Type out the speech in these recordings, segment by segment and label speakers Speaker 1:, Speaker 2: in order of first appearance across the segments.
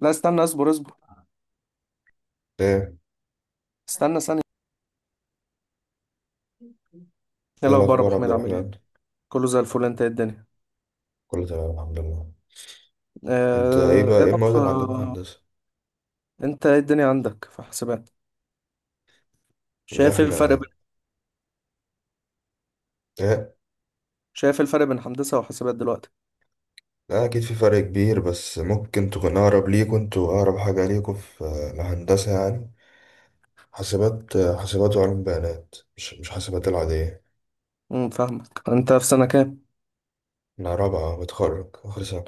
Speaker 1: لا، استنى، اصبر اصبر،
Speaker 2: ايه
Speaker 1: استنى ثانية. ايه
Speaker 2: ايه
Speaker 1: الأخبار يا أبو
Speaker 2: الاخبار يا عبد
Speaker 1: حميد، عامل ايه؟
Speaker 2: الرحمن.
Speaker 1: كله زي الفل. انت ايه الدنيا؟
Speaker 2: كله تمام الحمد لله. انت ايه
Speaker 1: ايه
Speaker 2: بقى، ايه
Speaker 1: رأيك
Speaker 2: المواد اللي عندكم في
Speaker 1: في-
Speaker 2: هندسه؟
Speaker 1: انت ايه الدنيا عندك في حسابات؟
Speaker 2: لا
Speaker 1: شايف ايه الفرق
Speaker 2: احنا.
Speaker 1: بين
Speaker 2: ايه.
Speaker 1: شايف ايه الفرق بين هندسة وحسابات دلوقتي؟
Speaker 2: لا اكيد في فرق كبير، بس ممكن تكون اقرب ليكوا، انتوا اقرب حاجه ليكوا في الهندسه يعني، حاسبات. حاسبات وعلوم بيانات، مش حاسبات العاديه.
Speaker 1: فاهمك. انت في سنة كام؟
Speaker 2: انا رابعه بتخرج اخر سنه.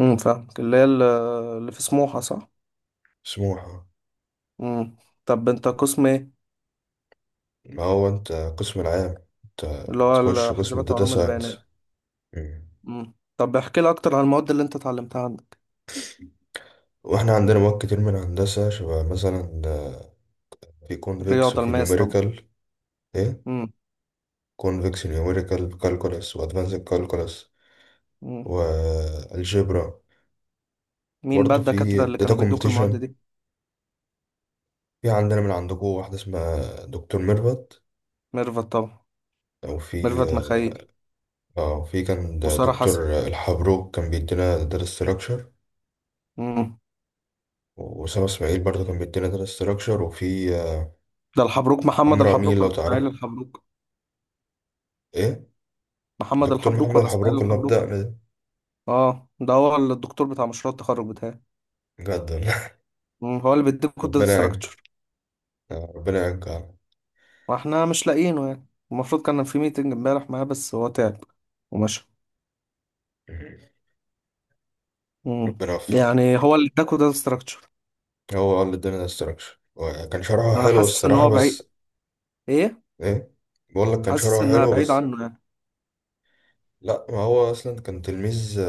Speaker 1: فاهمك، اللي هي اللي في سموحة صح؟
Speaker 2: سموحه.
Speaker 1: امم طب انت قسم ايه؟
Speaker 2: ما هو انت قسم العام، انت
Speaker 1: اللي هو
Speaker 2: تخش قسم
Speaker 1: الحسابات
Speaker 2: الداتا
Speaker 1: وعلوم البيانات.
Speaker 2: ساينس. مم.
Speaker 1: طب احكي لي اكتر عن المواد اللي انت اتعلمتها عندك.
Speaker 2: واحنا عندنا مواد كتير من هندسه، شبه مثلا في كونفكس
Speaker 1: الرياضة
Speaker 2: وفي
Speaker 1: الماس طبعا.
Speaker 2: نيوميريكال. ايه؟
Speaker 1: امم
Speaker 2: convection numerical calculus وادفانسد calculus،
Speaker 1: امم
Speaker 2: والجبرا،
Speaker 1: مين بقى
Speaker 2: وبرضه في
Speaker 1: الدكاترة اللي
Speaker 2: data
Speaker 1: كانوا بيدوك المواد
Speaker 2: computation.
Speaker 1: دي؟
Speaker 2: في عندنا من عندكم واحدة اسمها دكتور ميرفت،
Speaker 1: ميرفت طبعا،
Speaker 2: أو في،
Speaker 1: ميرفت مخيل،
Speaker 2: اه في كان
Speaker 1: وسارة حسن.
Speaker 2: دكتور الحبروك كان بيدينا data structure،
Speaker 1: مم.
Speaker 2: وأسامة إسماعيل برضه كان بيدينا data structure، وفي
Speaker 1: ده الحبروك، محمد
Speaker 2: عمرو أمين
Speaker 1: الحبروك
Speaker 2: لو
Speaker 1: ولا اسماعيل
Speaker 2: تعرفه.
Speaker 1: الحبروك؟
Speaker 2: إيه.
Speaker 1: محمد
Speaker 2: دكتور
Speaker 1: الحبروك
Speaker 2: محمد
Speaker 1: ولا اسماعيل
Speaker 2: الحبروك اللي
Speaker 1: الحبروك؟
Speaker 2: بدأنا ده.
Speaker 1: اه، ده هو الدكتور بتاع مشروع التخرج بتاعي.
Speaker 2: جدا.
Speaker 1: مم. هو اللي بيديكوا الداتا
Speaker 2: ربنا يعجل.
Speaker 1: ستراكشر؟
Speaker 2: ربنا يعجل.
Speaker 1: واحنا مش لاقيينه، يعني المفروض كان في ميتنج امبارح معاه بس هو تعب ومشى. مم.
Speaker 2: ربنا يوفقك.
Speaker 1: يعني هو اللي اداكوا داتا ستراكشر؟
Speaker 2: هو اللي اداني الاستراكشر، كان شرحه
Speaker 1: انا
Speaker 2: حلو
Speaker 1: حاسس ان
Speaker 2: الصراحة
Speaker 1: هو بعيد.
Speaker 2: بس.
Speaker 1: ايه،
Speaker 2: ايه. بقول لك كان
Speaker 1: حاسس
Speaker 2: شرحه
Speaker 1: انها
Speaker 2: حلو
Speaker 1: بعيد
Speaker 2: بس.
Speaker 1: عنه يعني.
Speaker 2: لا ما هو اصلا كان تلميذ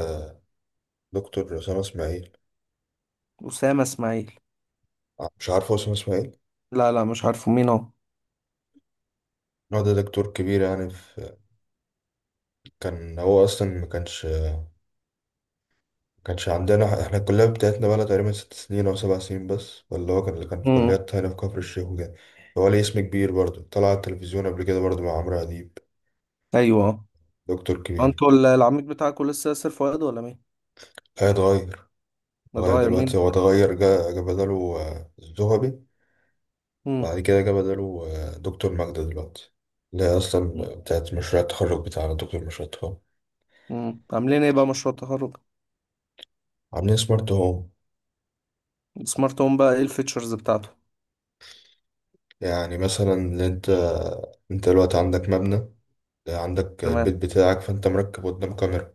Speaker 2: دكتور اسامة اسماعيل.
Speaker 1: اسامة اسماعيل؟
Speaker 2: مش عارفه اسامة اسماعيل؟
Speaker 1: لا لا، مش عارفه مين هو.
Speaker 2: هو ده دكتور كبير يعني في، كان هو اصلا ما كانش عندنا احنا. الكلية بتاعتنا بقى لها تقريبا 6 سنين او 7 سنين بس، ولا هو كان اللي كان في
Speaker 1: مم.
Speaker 2: كليات هنا في كفر الشيخ وكده. هو ليه اسم كبير برضه، طلع على التلفزيون قبل كده برضه مع عمرو اديب.
Speaker 1: ايوه.
Speaker 2: دكتور كبير.
Speaker 1: انتوا العميد بتاعكوا لسه ياسر فؤاد ولا مين؟
Speaker 2: هيتغير. غير
Speaker 1: متغير مين
Speaker 2: دلوقتي، هو
Speaker 1: دلوقتي؟
Speaker 2: اتغير. جا بداله الذهبي، بعد كده جه بداله دكتور ماجدة دلوقتي، اللي هي أصلا
Speaker 1: مم.
Speaker 2: بتاعت مشروع التخرج بتاعنا، دكتور مشروع التخرج.
Speaker 1: مم. عاملين ايه بقى مشروع التخرج؟
Speaker 2: عاملين سمارت هوم.
Speaker 1: السمارت هوم بقى ايه الفيتشرز بتاعته؟
Speaker 2: يعني مثلا اللي أنت، أنت دلوقتي عندك مبنى، عندك البيت
Speaker 1: تمام.
Speaker 2: بتاعك، فأنت مركب قدام كاميرا،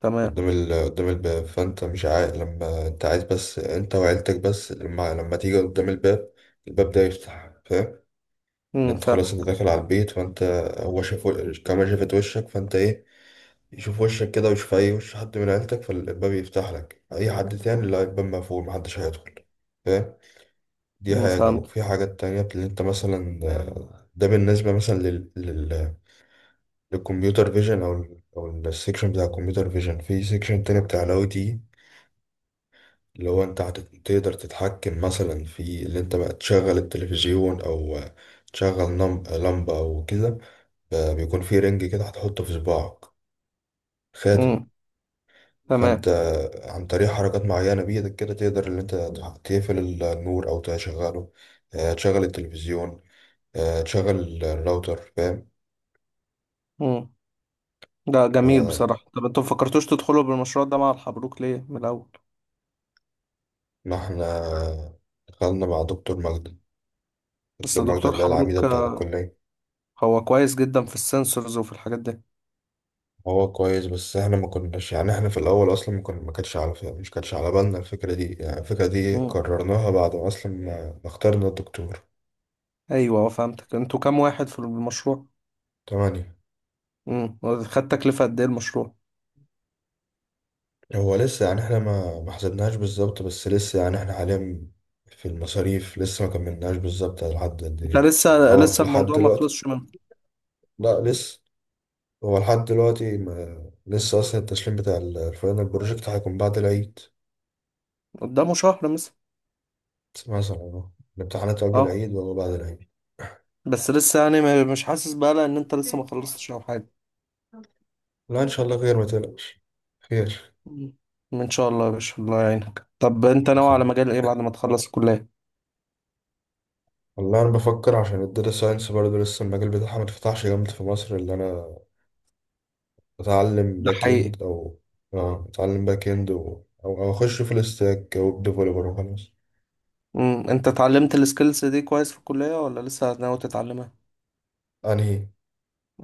Speaker 1: تمام.
Speaker 2: قدام قدام الباب، فأنت مش عايز لما أنت عايز بس أنت وعيلتك بس، لما تيجي قدام الباب، الباب ده يفتح، فاهم؟ اللي أنت
Speaker 1: فاهم.
Speaker 2: خلاص أنت داخل على البيت، فأنت، هو شاف الكاميرا شافت وشك، فأنت إيه، يشوف وشك كده، ويشوف أي وش حد من عيلتك فالباب يفتح لك، أي حد تاني لا، الباب مقفول، محدش هيدخل، فاهم. دي حاجة،
Speaker 1: فهمت.
Speaker 2: وفي حاجات تانية اللي أنت مثلا ده بالنسبة مثلا للكمبيوتر فيجن، أو أو السيكشن بتاع الكمبيوتر فيجن، في سيكشن تاني بتاع الأي تي، اللي هو أنت تقدر تتحكم مثلا في اللي أنت بقى تشغل التلفزيون، أو تشغل لمبة أو كده. بيكون في رنج كده هتحطه في صباعك، خاتم.
Speaker 1: امم
Speaker 2: فانت
Speaker 1: تمام.
Speaker 2: عن طريق حركات معينة بإيدك كده، تقدر اللي انت تقفل النور او تشغله، تشغل التلفزيون، تشغل الراوتر، فاهم.
Speaker 1: امم ده جميل
Speaker 2: آه،
Speaker 1: بصراحة. طب انتوا مفكرتوش تدخلوا بالمشروع ده مع الحبروك ليه من الاول؟
Speaker 2: ما احنا دخلنا مع دكتور مجدي،
Speaker 1: بس
Speaker 2: دكتور مجدي
Speaker 1: دكتور
Speaker 2: اللي هي العميدة
Speaker 1: حبروك
Speaker 2: بتاعت الكلية.
Speaker 1: هو كويس جدا في السنسورز وفي الحاجات دي.
Speaker 2: هو كويس، بس احنا ما كناش يعني احنا في الاول اصلا ما كنا، ما كانتش على مش كانتش على بالنا الفكرة دي، يعني الفكرة دي
Speaker 1: امم
Speaker 2: قررناها بعد ما اصلا ما اخترنا الدكتور.
Speaker 1: ايوه. فهمتك. انتوا كام واحد في المشروع؟
Speaker 2: تمام.
Speaker 1: امم خد تكلفة قد ايه المشروع؟
Speaker 2: هو لسه يعني احنا ما حسبناهاش بالظبط، بس لسه يعني احنا حاليا في المصاريف لسه ما كملناش بالظبط لحد قد
Speaker 1: انت
Speaker 2: ايه.
Speaker 1: لسه،
Speaker 2: هو لحد
Speaker 1: الموضوع ما
Speaker 2: دلوقتي،
Speaker 1: خلصش منه؟
Speaker 2: لا لسه، هو لحد دلوقتي ما لسه اصلا، التسليم بتاع الفاينل بروجكت هيكون بعد العيد.
Speaker 1: قدامه شهر مثلا؟
Speaker 2: مثلا اهو. الامتحانات قبل
Speaker 1: اه
Speaker 2: العيد ولا بعد العيد؟
Speaker 1: بس لسه، يعني مش حاسس بقى ان انت لسه ما خلصتش او حاجة.
Speaker 2: لا ان شاء الله خير، ما تقلقش. خير.
Speaker 1: مم. ان شاء الله يا باشا، الله يعينك. طب انت ناوي على
Speaker 2: لكن،
Speaker 1: مجال ايه بعد ما تخلص الكلية؟
Speaker 2: والله انا بفكر، عشان الداتا ساينس برضه لسه المجال بتاعها ما اتفتحش جامد في مصر، اللي انا اتعلم
Speaker 1: ده
Speaker 2: باك
Speaker 1: حقيقي.
Speaker 2: اند او، اه اتعلم باك اند و... او اخش في الاستاك او ديفلوبر وخلاص.
Speaker 1: انت اتعلمت السكيلز دي كويس في الكلية ولا لسه ناوي تتعلمها؟
Speaker 2: انهي؟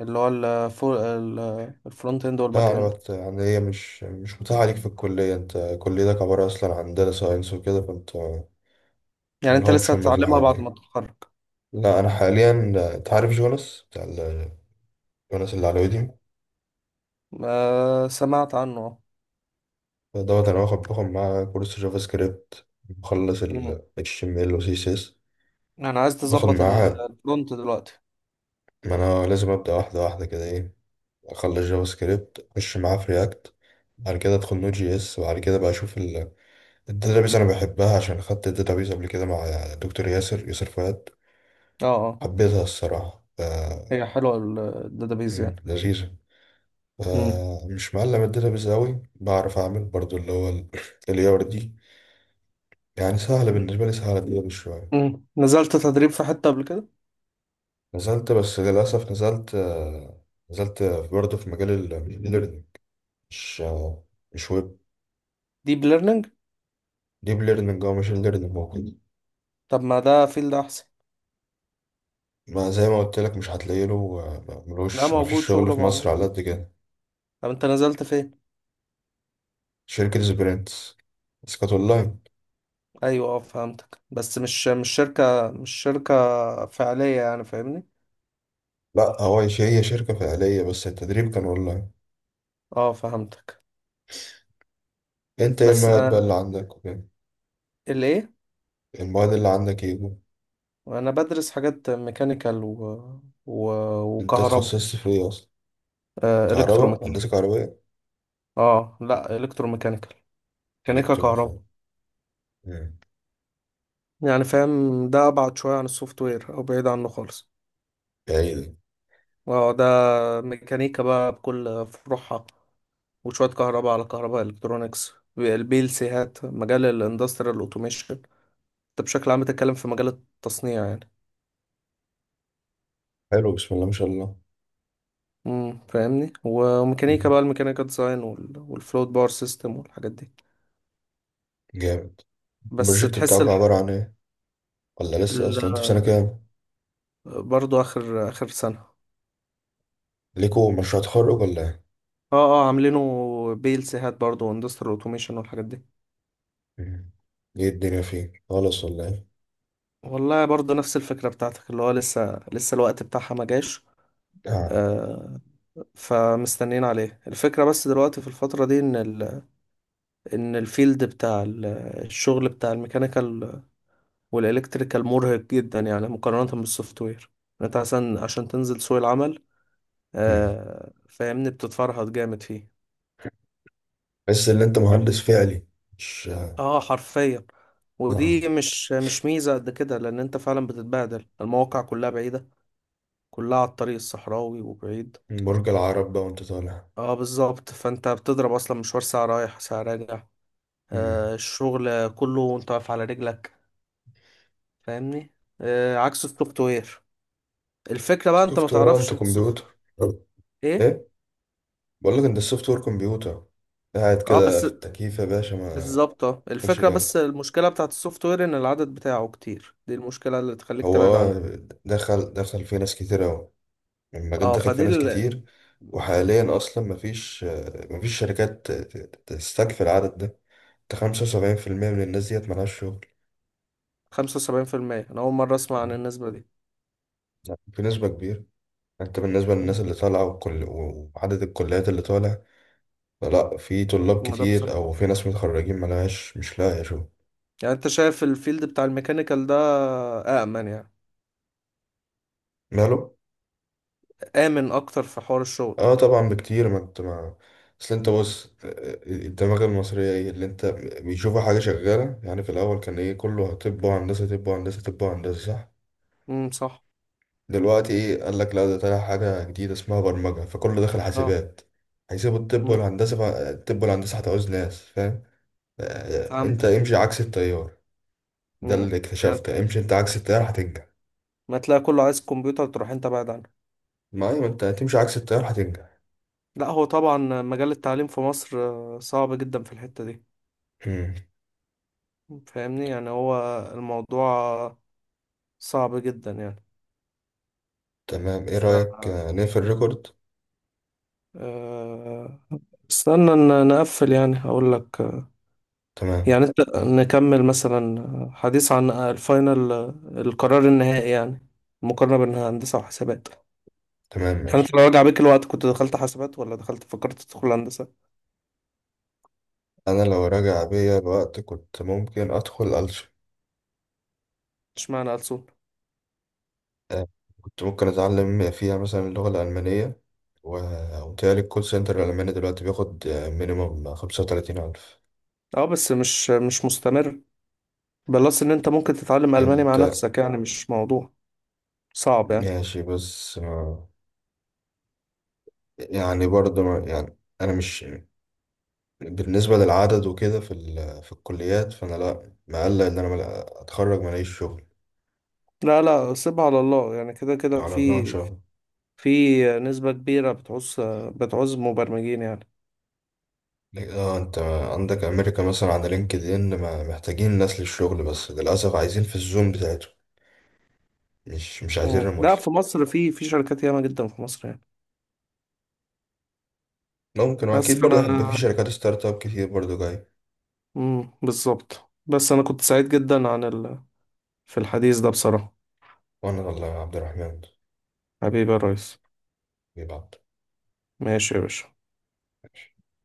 Speaker 1: اللي هو الفرونت اند
Speaker 2: لا
Speaker 1: والباك
Speaker 2: انا
Speaker 1: اند.
Speaker 2: يعني هي مش متاحه عليك في الكليه، انت كليتك عباره اصلا عن داتا ساينس وكده، فانت
Speaker 1: يعني انت لسه
Speaker 2: ملهمش هم في
Speaker 1: هتتعلمها
Speaker 2: الحاجات
Speaker 1: بعد
Speaker 2: دي.
Speaker 1: ما تتخرج؟
Speaker 2: لا انا حاليا، انت عارف جوناس بتاع جوناس اللي على ويديو
Speaker 1: آه، سمعت عنه، اه.
Speaker 2: دوت، انا باخد معاه كورس جافا سكريبت، مخلص
Speaker 1: امم
Speaker 2: ال HTML و CSS،
Speaker 1: انا عايز
Speaker 2: باخد
Speaker 1: تظبط
Speaker 2: معاه.
Speaker 1: الفرونت دلوقتي.
Speaker 2: ما انا لازم ابدا واحده واحده كده، ايه، اخلص جافا سكريبت اخش معاه في رياكت، بعد كده ادخل نود جي اس، بعد كده بقى اشوف الداتابيز، انا بحبها عشان خدت الداتابيز قبل كده مع دكتور ياسر فؤاد.
Speaker 1: اه اه.
Speaker 2: حبيتها الصراحه، ف...
Speaker 1: هي حلوة الداتابيز يعني؟
Speaker 2: مم، لذيذه. ف...
Speaker 1: امم
Speaker 2: مش معلم الداتابيز قوي، بعرف اعمل برضو اللي هو الاي ار دي. يعني سهله بالنسبه لي، سهله دي شويه.
Speaker 1: نزلت تدريب في حتة قبل كده؟
Speaker 2: نزلت، بس للاسف نزلت نزلت برضه في مجال الماشين ليرنينج، مش مش ويب.
Speaker 1: ديب ليرنينج؟
Speaker 2: ديب ليرنينج او ماشين ليرنينج.
Speaker 1: طب ما ده فيلد احسن.
Speaker 2: ما زي ما قلت لك مش هتلاقي له
Speaker 1: ده
Speaker 2: ملوش،
Speaker 1: موجود،
Speaker 2: مفيش شغل
Speaker 1: شغله
Speaker 2: في مصر
Speaker 1: موجود.
Speaker 2: على قد كده.
Speaker 1: طب انت نزلت فين؟
Speaker 2: شركة سبرنت، بس كانت اونلاين.
Speaker 1: ايوه اه فهمتك. بس مش شركة، مش شركة فعلية يعني، فاهمني؟
Speaker 2: لا هو هي، هي شركة فعلية، بس التدريب كان اونلاين.
Speaker 1: اه فهمتك.
Speaker 2: انت ايه
Speaker 1: بس
Speaker 2: المواد بقى
Speaker 1: انا
Speaker 2: اللي عندك وكده؟
Speaker 1: الايه؟
Speaker 2: المواد اللي عندك ايه بقى؟
Speaker 1: انا بدرس حاجات ميكانيكال و...
Speaker 2: انت
Speaker 1: وكهرباء.
Speaker 2: اتخصصت في ايه اصلا؟
Speaker 1: آه،
Speaker 2: كهرباء،
Speaker 1: الكتروميكانيكال.
Speaker 2: هندسة كهربائية.
Speaker 1: اه لا، الكتروميكانيكال، ميكانيكا كهرباء.
Speaker 2: الكترونيكا. مم.
Speaker 1: يعني فاهم، ده ابعد شوية عن السوفت وير او بعيد عنه خالص.
Speaker 2: ايه ده.
Speaker 1: اه ده ميكانيكا بقى بكل فروعها، وشوية كهرباء على كهرباء الكترونيكس. البي ال سي هات مجال الاندستريال اوتوميشن. انت بشكل عام بتتكلم في مجال التصنيع يعني.
Speaker 2: حلو، بسم الله ما شاء الله.
Speaker 1: فاهمني. وميكانيكا
Speaker 2: مم.
Speaker 1: بقى، الميكانيكا ديزاين والفلوت باور سيستم والحاجات دي.
Speaker 2: جامد.
Speaker 1: بس
Speaker 2: البروجكت
Speaker 1: تحس
Speaker 2: بتاعك عبارة عن ايه، ولا لسه
Speaker 1: ال...
Speaker 2: اصلا انت في سنة كام؟
Speaker 1: برضو اخر اخر سنة.
Speaker 2: ليكوا مشروع تخرج ولا ايه؟
Speaker 1: اه اه، عاملينه PLC هات برضه، واندستريال اوتوميشن والحاجات دي.
Speaker 2: مم. ايه الدنيا فيه خالص ولا؟
Speaker 1: والله برضه نفس الفكرة بتاعتك، اللي هو لسه الوقت بتاعها ما جاش.
Speaker 2: ايه.
Speaker 1: آه، فمستنيين عليه. الفكرة بس دلوقتي في الفترة دي ان الفيلد بتاع الشغل بتاع الميكانيكال والالكتريكال مرهق جدا يعني مقارنة بالسوفت وير. انت عشان تنزل سوق العمل،
Speaker 2: مم.
Speaker 1: آه فاهمني، بتتفرهد جامد فيه.
Speaker 2: تحس ان انت
Speaker 1: أيوة.
Speaker 2: مهندس فعلي. مش.
Speaker 1: اه حرفيا.
Speaker 2: آه.
Speaker 1: ودي مش ميزة قد كده، لأن أنت فعلا بتتبهدل. المواقع كلها بعيدة، كلها على الطريق الصحراوي وبعيد.
Speaker 2: برج العرب بقى وانت طالع.
Speaker 1: اه بالظبط، فأنت بتضرب أصلا مشوار ساعة رايح ساعة راجع. آه،
Speaker 2: مم.
Speaker 1: الشغل كله وأنت واقف على رجلك، فاهمني؟ آه، عكس السوفت وير. الفكرة بقى أنت ما
Speaker 2: سوفت وير انت
Speaker 1: تعرفش السوفت.
Speaker 2: كمبيوتر، أه.
Speaker 1: إيه.
Speaker 2: ايه. بقول لك انت السوفت وير كمبيوتر، قاعد
Speaker 1: اه
Speaker 2: كده
Speaker 1: بس،
Speaker 2: في التكييف يا باشا، ما
Speaker 1: بالظبط، اه
Speaker 2: تاخدش
Speaker 1: الفكرة. بس
Speaker 2: بالك.
Speaker 1: المشكلة بتاعت السوفت وير ان العدد بتاعه كتير، دي المشكلة اللي تخليك
Speaker 2: هو
Speaker 1: تبعد عنه.
Speaker 2: آه دخل فيه ناس كتير قوي، المجال
Speaker 1: اه
Speaker 2: دخل فيه
Speaker 1: فدي
Speaker 2: ناس
Speaker 1: ال
Speaker 2: كتير، وحاليا اصلا مفيش مفيش شركات تستكفي العدد ده، انت 75% من الناس ديت ملهاش شغل.
Speaker 1: 75%. انا اول مرة اسمع عن
Speaker 2: مم.
Speaker 1: النسبة دي.
Speaker 2: لا، في نسبة كبيرة، انت بالنسبة للناس
Speaker 1: مم.
Speaker 2: اللي طالعة وعدد الكليات اللي طالع، لا في طلاب
Speaker 1: ما ده
Speaker 2: كتير،
Speaker 1: بصراحة.
Speaker 2: او في ناس متخرجين ملهاش مش لاقية شغل.
Speaker 1: يعني انت شايف الفيلد بتاع الميكانيكال ده آمن يعني؟
Speaker 2: ماله.
Speaker 1: آمن اكتر في حوار الشغل؟
Speaker 2: اه طبعا بكتير، ما انت ما، اصل انت بص، الدماغ المصرية، ايه اللي انت، بيشوفوا حاجة شغالة يعني. في الاول كان ايه، كله طب وهندسة، طب وهندسة، طب وهندسة، صح؟
Speaker 1: صح.
Speaker 2: دلوقتي ايه، قال لك لا ده طالع حاجة جديدة اسمها برمجة، فكله داخل
Speaker 1: اه
Speaker 2: حاسبات، هيسيبوا الطب
Speaker 1: امم
Speaker 2: والهندسة، فالطب والهندسة هتعوز ناس، فاهم. انت
Speaker 1: فهمت.
Speaker 2: امشي عكس التيار، ده اللي
Speaker 1: يعني
Speaker 2: اكتشفته، امشي انت عكس التيار هتنجح.
Speaker 1: ما تلاقي كله عايز كمبيوتر تروح انت بعد عنه.
Speaker 2: ما ايوه، انت هتمشي عكس التيار هتنجح.
Speaker 1: لا هو طبعا مجال التعليم في مصر صعب جدا في الحتة دي،
Speaker 2: مم.
Speaker 1: فاهمني. يعني هو الموضوع صعب جدا يعني.
Speaker 2: تمام، ايه
Speaker 1: ف
Speaker 2: رأيك نقفل الريكورد.
Speaker 1: آه، استنى نقفل، يعني هقول لك.
Speaker 2: تمام.
Speaker 1: يعني انت نكمل مثلا حديث عن الفاينل، القرار النهائي يعني، المقارنة بين هندسة وحسابات.
Speaker 2: تمام
Speaker 1: يعني انت
Speaker 2: ماشي.
Speaker 1: لو رجع بيك الوقت كنت دخلت حسابات ولا دخلت فكرت تدخل هندسة؟
Speaker 2: انا لو راجع بيا الوقت كنت ممكن ادخل ألسن.
Speaker 1: اشمعنى ألسن؟
Speaker 2: آه، كنت ممكن اتعلم فيها مثلا اللغة الألمانية، و... وتهيألي الكول سنتر الألماني دلوقتي بياخد مينيموم 35,000.
Speaker 1: اه بس مش مستمر. بلس ان انت ممكن تتعلم ألماني مع
Speaker 2: انت
Speaker 1: نفسك، يعني مش موضوع صعب يعني.
Speaker 2: ماشي بس يعني برضه يعني انا مش، بالنسبة للعدد وكده في في الكليات، فأنا لأ مقلق إن أنا أتخرج ملاقيش شغل.
Speaker 1: لا لا، سيبها على الله، يعني كده كده،
Speaker 2: على الله إن
Speaker 1: في
Speaker 2: شاء الله.
Speaker 1: في نسبة كبيرة بتعوز مبرمجين يعني.
Speaker 2: اه انت عندك امريكا مثلا على لينكد ان محتاجين ناس للشغل، بس للاسف عايزين في الزوم بتاعته، مش عايزين
Speaker 1: مم. لا،
Speaker 2: ريموتلي.
Speaker 1: في مصر في شركات ياما جدا في مصر يعني.
Speaker 2: ممكن،
Speaker 1: بس
Speaker 2: واكيد برضه هيبقى في
Speaker 1: فانا،
Speaker 2: شركات ستارت اب كتير برضه جاي.
Speaker 1: مم، بالظبط. بس انا كنت سعيد جدا في الحديث ده بصراحة.
Speaker 2: وانا والله يا عبد الرحمن،
Speaker 1: حبيبي يا ريس.
Speaker 2: بيبعت.
Speaker 1: ماشي يا باشا.